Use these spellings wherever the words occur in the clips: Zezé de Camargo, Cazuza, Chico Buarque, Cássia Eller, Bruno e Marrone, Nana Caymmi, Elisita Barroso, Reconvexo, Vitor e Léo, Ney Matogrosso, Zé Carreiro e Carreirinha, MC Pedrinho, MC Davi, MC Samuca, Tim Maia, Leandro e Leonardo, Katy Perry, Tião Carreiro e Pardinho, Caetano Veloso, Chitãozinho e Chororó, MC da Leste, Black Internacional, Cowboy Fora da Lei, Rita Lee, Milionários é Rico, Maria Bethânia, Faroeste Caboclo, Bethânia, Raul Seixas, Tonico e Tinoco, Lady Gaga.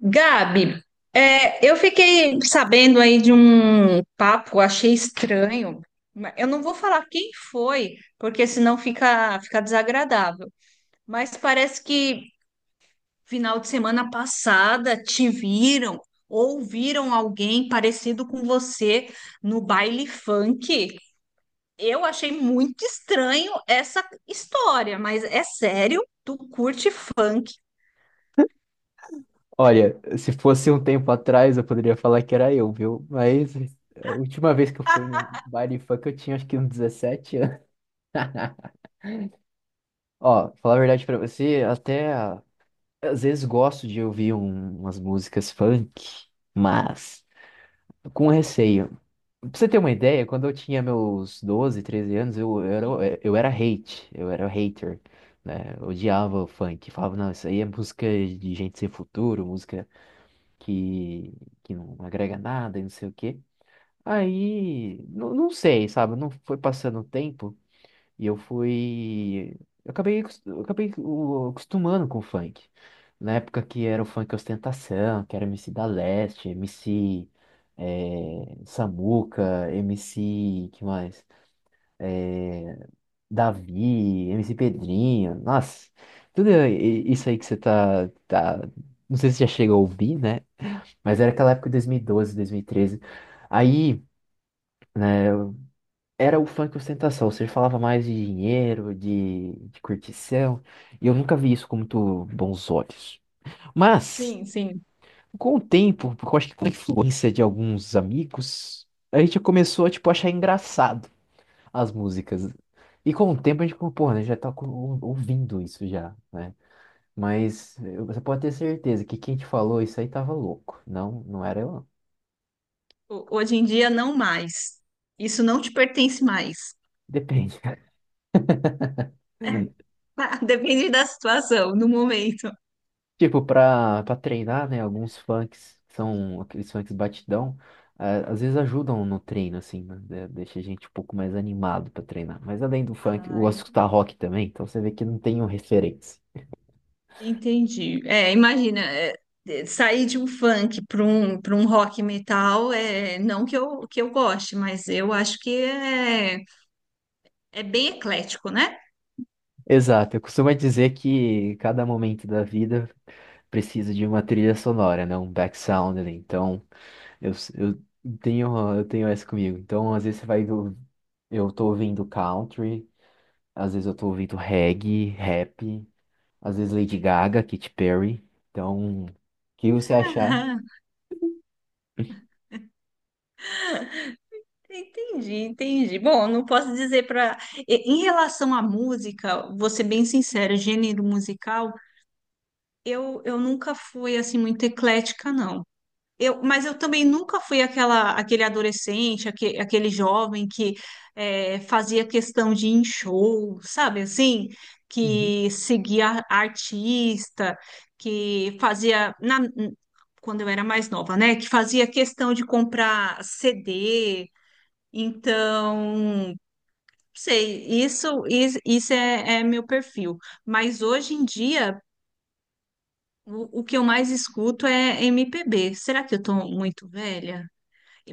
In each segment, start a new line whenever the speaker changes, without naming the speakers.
Gabi, eu fiquei sabendo aí de um papo, achei estranho. Eu não vou falar quem foi, porque senão fica desagradável. Mas parece que final de semana passada te viram ou viram alguém parecido com você no baile funk. Eu achei muito estranho essa história, mas é sério? Tu curte funk?
Olha, se fosse um tempo atrás, eu poderia falar que era eu, viu? Mas a última vez que eu fui no baile funk, eu tinha acho que uns 17 anos. Ó, falar a verdade pra você, até às vezes gosto de ouvir umas músicas funk, mas com receio. Pra você ter uma ideia, quando eu tinha meus 12, 13 anos, eu, era,
Sim,
eu era hate, eu era hater, né? Eu odiava o funk, falava, não, isso aí é música de gente sem futuro, música que, que não agrega nada e não sei o quê. Aí, não, não sei, sabe? Não foi passando o tempo e eu fui. Eu acabei acostumando com o funk. Na época que era o funk ostentação, que era MC da Leste, MC Samuca, MC, que mais? Davi, MC Pedrinho, nossa, tudo isso aí que você tá. Não sei se já chega a ouvir, né? Mas era aquela época de 2012, 2013. Aí era o funk ostentação. Você falava mais de dinheiro, de curtição. E eu nunca vi isso com muito bons olhos. Mas,
sim, sim.
com o tempo, porque eu acho que com a influência de alguns amigos, a gente começou a, tipo, achar engraçado as músicas. E com o tempo a gente falou, pô, né, já tá ouvindo isso já, né? Mas você pode ter certeza que quem te falou isso aí tava louco. Não, não era eu, não.
Hoje em dia não mais. Isso não te pertence mais.
Depende.
Depende da situação, no momento.
Tipo, pra treinar, né? Alguns funks, que são aqueles funks batidão, às vezes ajudam no treino, assim, né? Deixa a gente um pouco mais animado pra treinar. Mas além do funk, eu gosto
Ai,
de escutar rock também, então você vê que não tenho referência.
entendi. Imagina, sair de um funk para para um rock metal, não que eu goste, mas eu acho que é bem eclético, né?
Exato, eu costumo dizer que cada momento da vida precisa de uma trilha sonora, né? Um back sound ali. Então, eu, eu eu tenho essa comigo. Então, às vezes você vai ver, eu tô ouvindo country, às vezes eu tô ouvindo reggae, rap. Às vezes Lady Gaga, Katy Perry. Então, o que você achar?
Ah, entendi, entendi. Bom, não posso dizer para. Em relação à música, vou ser bem sincera, gênero musical, eu nunca fui assim muito eclética, não. Eu, mas eu também nunca fui aquele adolescente, jovem que fazia questão de ir em show, sabe assim?
Uhum.
Que seguia artista, que fazia, quando eu era mais nova, né? Que fazia questão de comprar CD. Então, não sei, isso, is- isso, é, é meu perfil. Mas hoje em dia, o que eu mais escuto é MPB. Será que eu tô muito velha?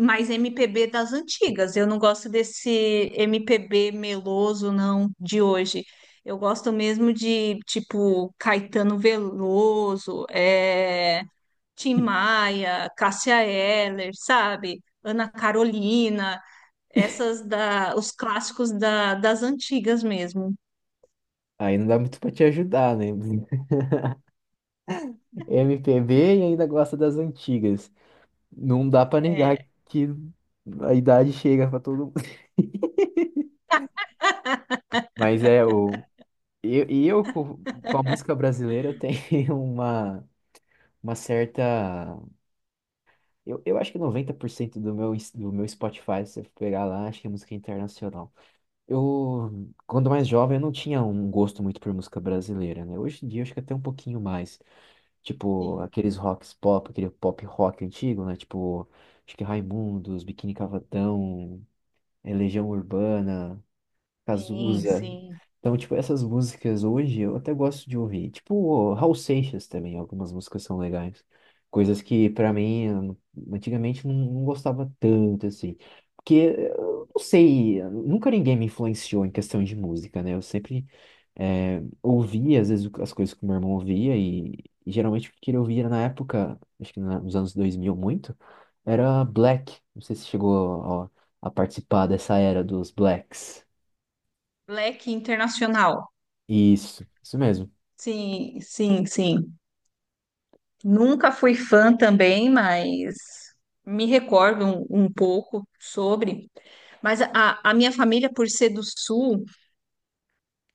Mais MPB das antigas. Eu não gosto desse MPB meloso, não, de hoje. Eu gosto mesmo de, tipo, Caetano Veloso, Tim Maia, Cássia Eller, sabe? Ana Carolina, os clássicos da, das antigas mesmo.
Aí não dá muito pra te ajudar, né? MPB e ainda gosta das antigas. Não dá pra negar
É,
que a idade chega pra todo mundo. Mas é o eu, e eu co- com a música brasileira eu tenho uma certa eu acho que 90% do meu Spotify, se você pegar lá, acho que é música internacional. Eu, quando mais jovem, eu não tinha um gosto muito por música brasileira, né? Hoje em dia, eu acho que até um pouquinho mais. Tipo,
sim,
aqueles rocks pop, aquele pop rock antigo, né? Tipo, acho que Raimundos, Biquíni Cavadão, Legião Urbana.
sim,
Cazuza.
sim.
Então, tipo, essas músicas hoje eu até gosto de ouvir. Tipo, o Raul Seixas também, algumas músicas são legais. Coisas que, pra mim, antigamente não gostava tanto, assim. Porque, eu não sei, nunca ninguém me influenciou em questão de música, né? Eu sempre ouvia, às vezes, as coisas que o meu irmão ouvia e geralmente o que ele ouvia na época, acho que nos anos 2000 muito, era Black. Não sei se chegou a participar dessa era dos Blacks.
Black Internacional.
Isso mesmo.
Sim, sim, sim. Nunca fui fã também, mas me recordo um pouco sobre. Mas a minha família, por ser do Sul,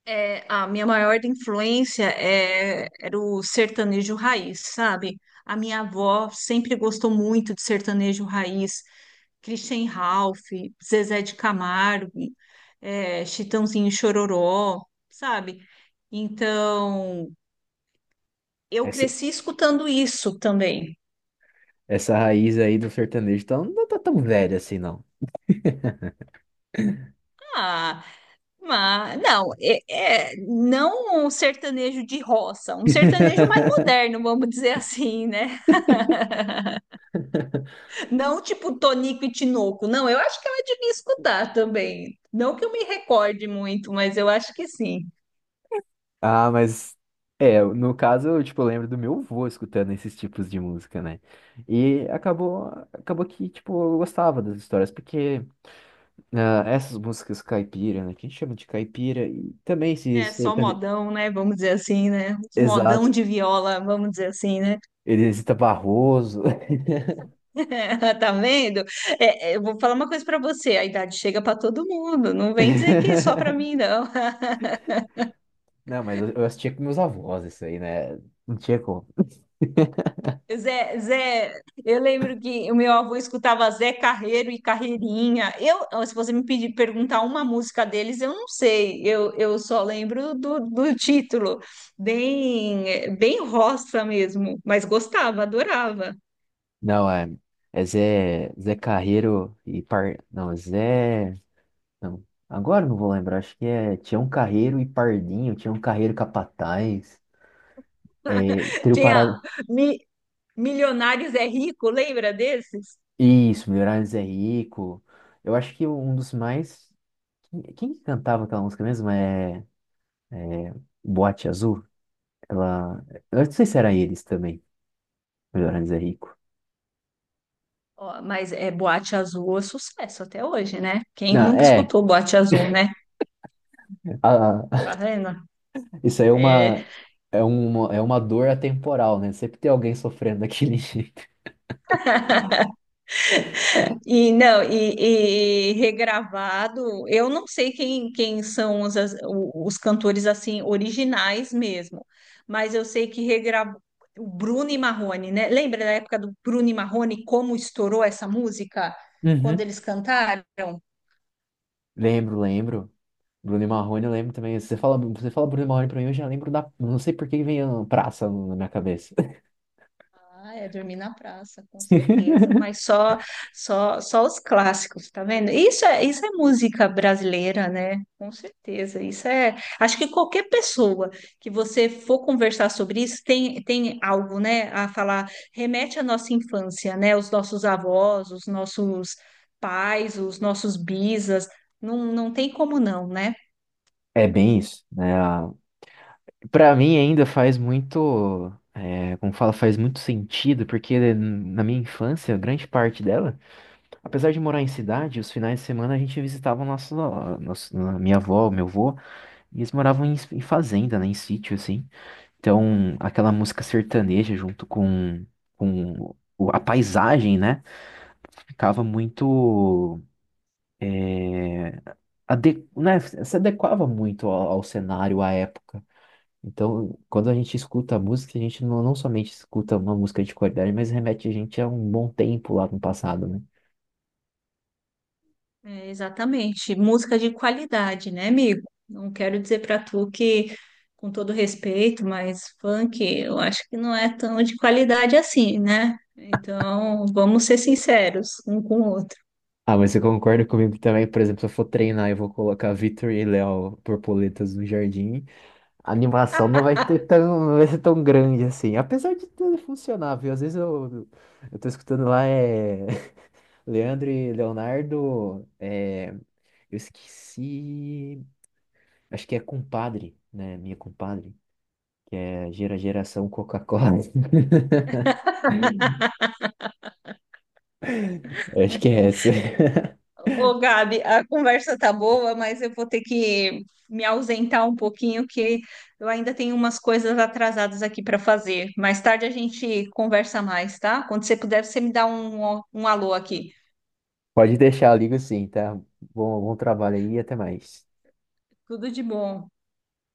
é, a minha maior influência era o sertanejo raiz, sabe? A minha avó sempre gostou muito de sertanejo raiz, Christian Ralph, Zezé de Camargo, Chitãozinho e Chororó, sabe? Então, eu
Essa,
cresci escutando isso também.
essa raiz aí do sertanejo tá, não tá tão velha assim, não.
Ah, Mas, não, é, não um sertanejo de roça, um sertanejo mais moderno, vamos dizer assim, né? Não tipo Tonico e Tinoco, não, eu acho que ela devia escutar também. Não que eu me recorde muito, mas eu acho que sim.
Ah, mas é, no caso, eu, tipo, lembro do meu avô escutando esses tipos de música, né? E acabou que, tipo, eu gostava das histórias, porque essas músicas caipira, né? Que a gente chama de caipira, e também se
É só
sertane...
modão, né? Vamos dizer assim, né? Os
Exato.
modão de viola, vamos dizer assim, né?
Elisita Barroso.
Tá vendo? Eu vou falar uma coisa pra você, a idade chega pra todo mundo, não vem dizer que é só pra mim, não.
Não, mas eu assistia com meus avós isso aí, né? Não tinha como.
Zé, eu lembro que o meu avô escutava Zé Carreiro e Carreirinha. Eu, se você me pedir perguntar uma música deles, eu não sei. Eu só lembro do título, bem roça mesmo, mas gostava, adorava.
Não, é Zé Carreiro e Par... Não, Zé... Não, agora eu não vou lembrar. Acho que é Tião Carreiro e Pardinho, Tião Carreiro Capataz. É, Trio
Tinha
Parado...
Mi- Milionários é Rico, lembra desses?
Isso, Milionários é Rico. Eu acho que um dos mais... Quem que cantava aquela música mesmo? É Boate Azul? Ela... Eu não sei se era eles também, Milionários é Rico.
Ó, mas é Boate Azul é sucesso até hoje, né? Quem
Não,
nunca
é.
escutou Boate Azul, né? Tá vendo?
Isso aí é
É,
uma, é uma, é uma dor atemporal, né? Sempre tem alguém sofrendo daquele jeito.
e regravado, eu não sei quem são os cantores assim originais mesmo, mas eu sei que regravou o Bruno e Marrone, né? Lembra da época do Bruno e Marrone, como estourou essa música quando
Uhum.
eles cantaram?
Lembro, lembro. Bruno e Marrone, eu lembro também. Você fala Bruno e Marrone pra mim, eu já lembro da. Não sei por que vem a praça na minha cabeça.
Ah, é dormir na praça, com certeza. Mas só, só, só os clássicos, tá vendo? Isso é música brasileira, né? Com certeza. Isso é. Acho que qualquer pessoa que você for conversar sobre isso tem, tem algo, né, a falar. Remete à nossa infância, né? Os nossos avós, os nossos pais, os nossos bisas. Não, não tem como não, né?
É bem isso, né? Pra mim ainda faz muito, é, como fala, faz muito sentido, porque na minha infância, grande parte dela, apesar de morar em cidade, os finais de semana a gente visitava minha avó, meu avô. E eles moravam em fazenda, né? Em sítio, assim. Então, aquela música sertaneja junto com a paisagem, né? Ficava muito... é, né? Se adequava muito ao cenário, à época. Então, quando a gente escuta a música, a gente não somente escuta uma música de qualidade, mas remete a gente a um bom tempo lá no passado, né?
É, exatamente. Música de qualidade, né, amigo? Não quero dizer pra tu com todo respeito, mas funk eu acho que não é tão de qualidade assim, né? Então, vamos ser sinceros um com o outro.
Ah, mas você concorda comigo também? Por exemplo, se eu for treinar, eu vou colocar Vitor e Léo Borboletas no jardim. A animação não vai ser tão grande assim. Apesar de tudo funcionar, viu? Às vezes eu tô escutando lá, é. Leandro e Leonardo, eu esqueci. Acho que é Compadre, né? Minha Compadre, que é geração Coca-Cola. Acho que é essa.
Ô, Gabi, a conversa tá boa, mas eu vou ter que me ausentar um pouquinho, que eu ainda tenho umas coisas atrasadas aqui pra fazer. Mais tarde a gente conversa mais, tá? Quando você puder, você me dá um alô aqui.
Pode deixar, eu ligo sim, tá? Bom, bom trabalho aí e até mais.
Tudo de bom.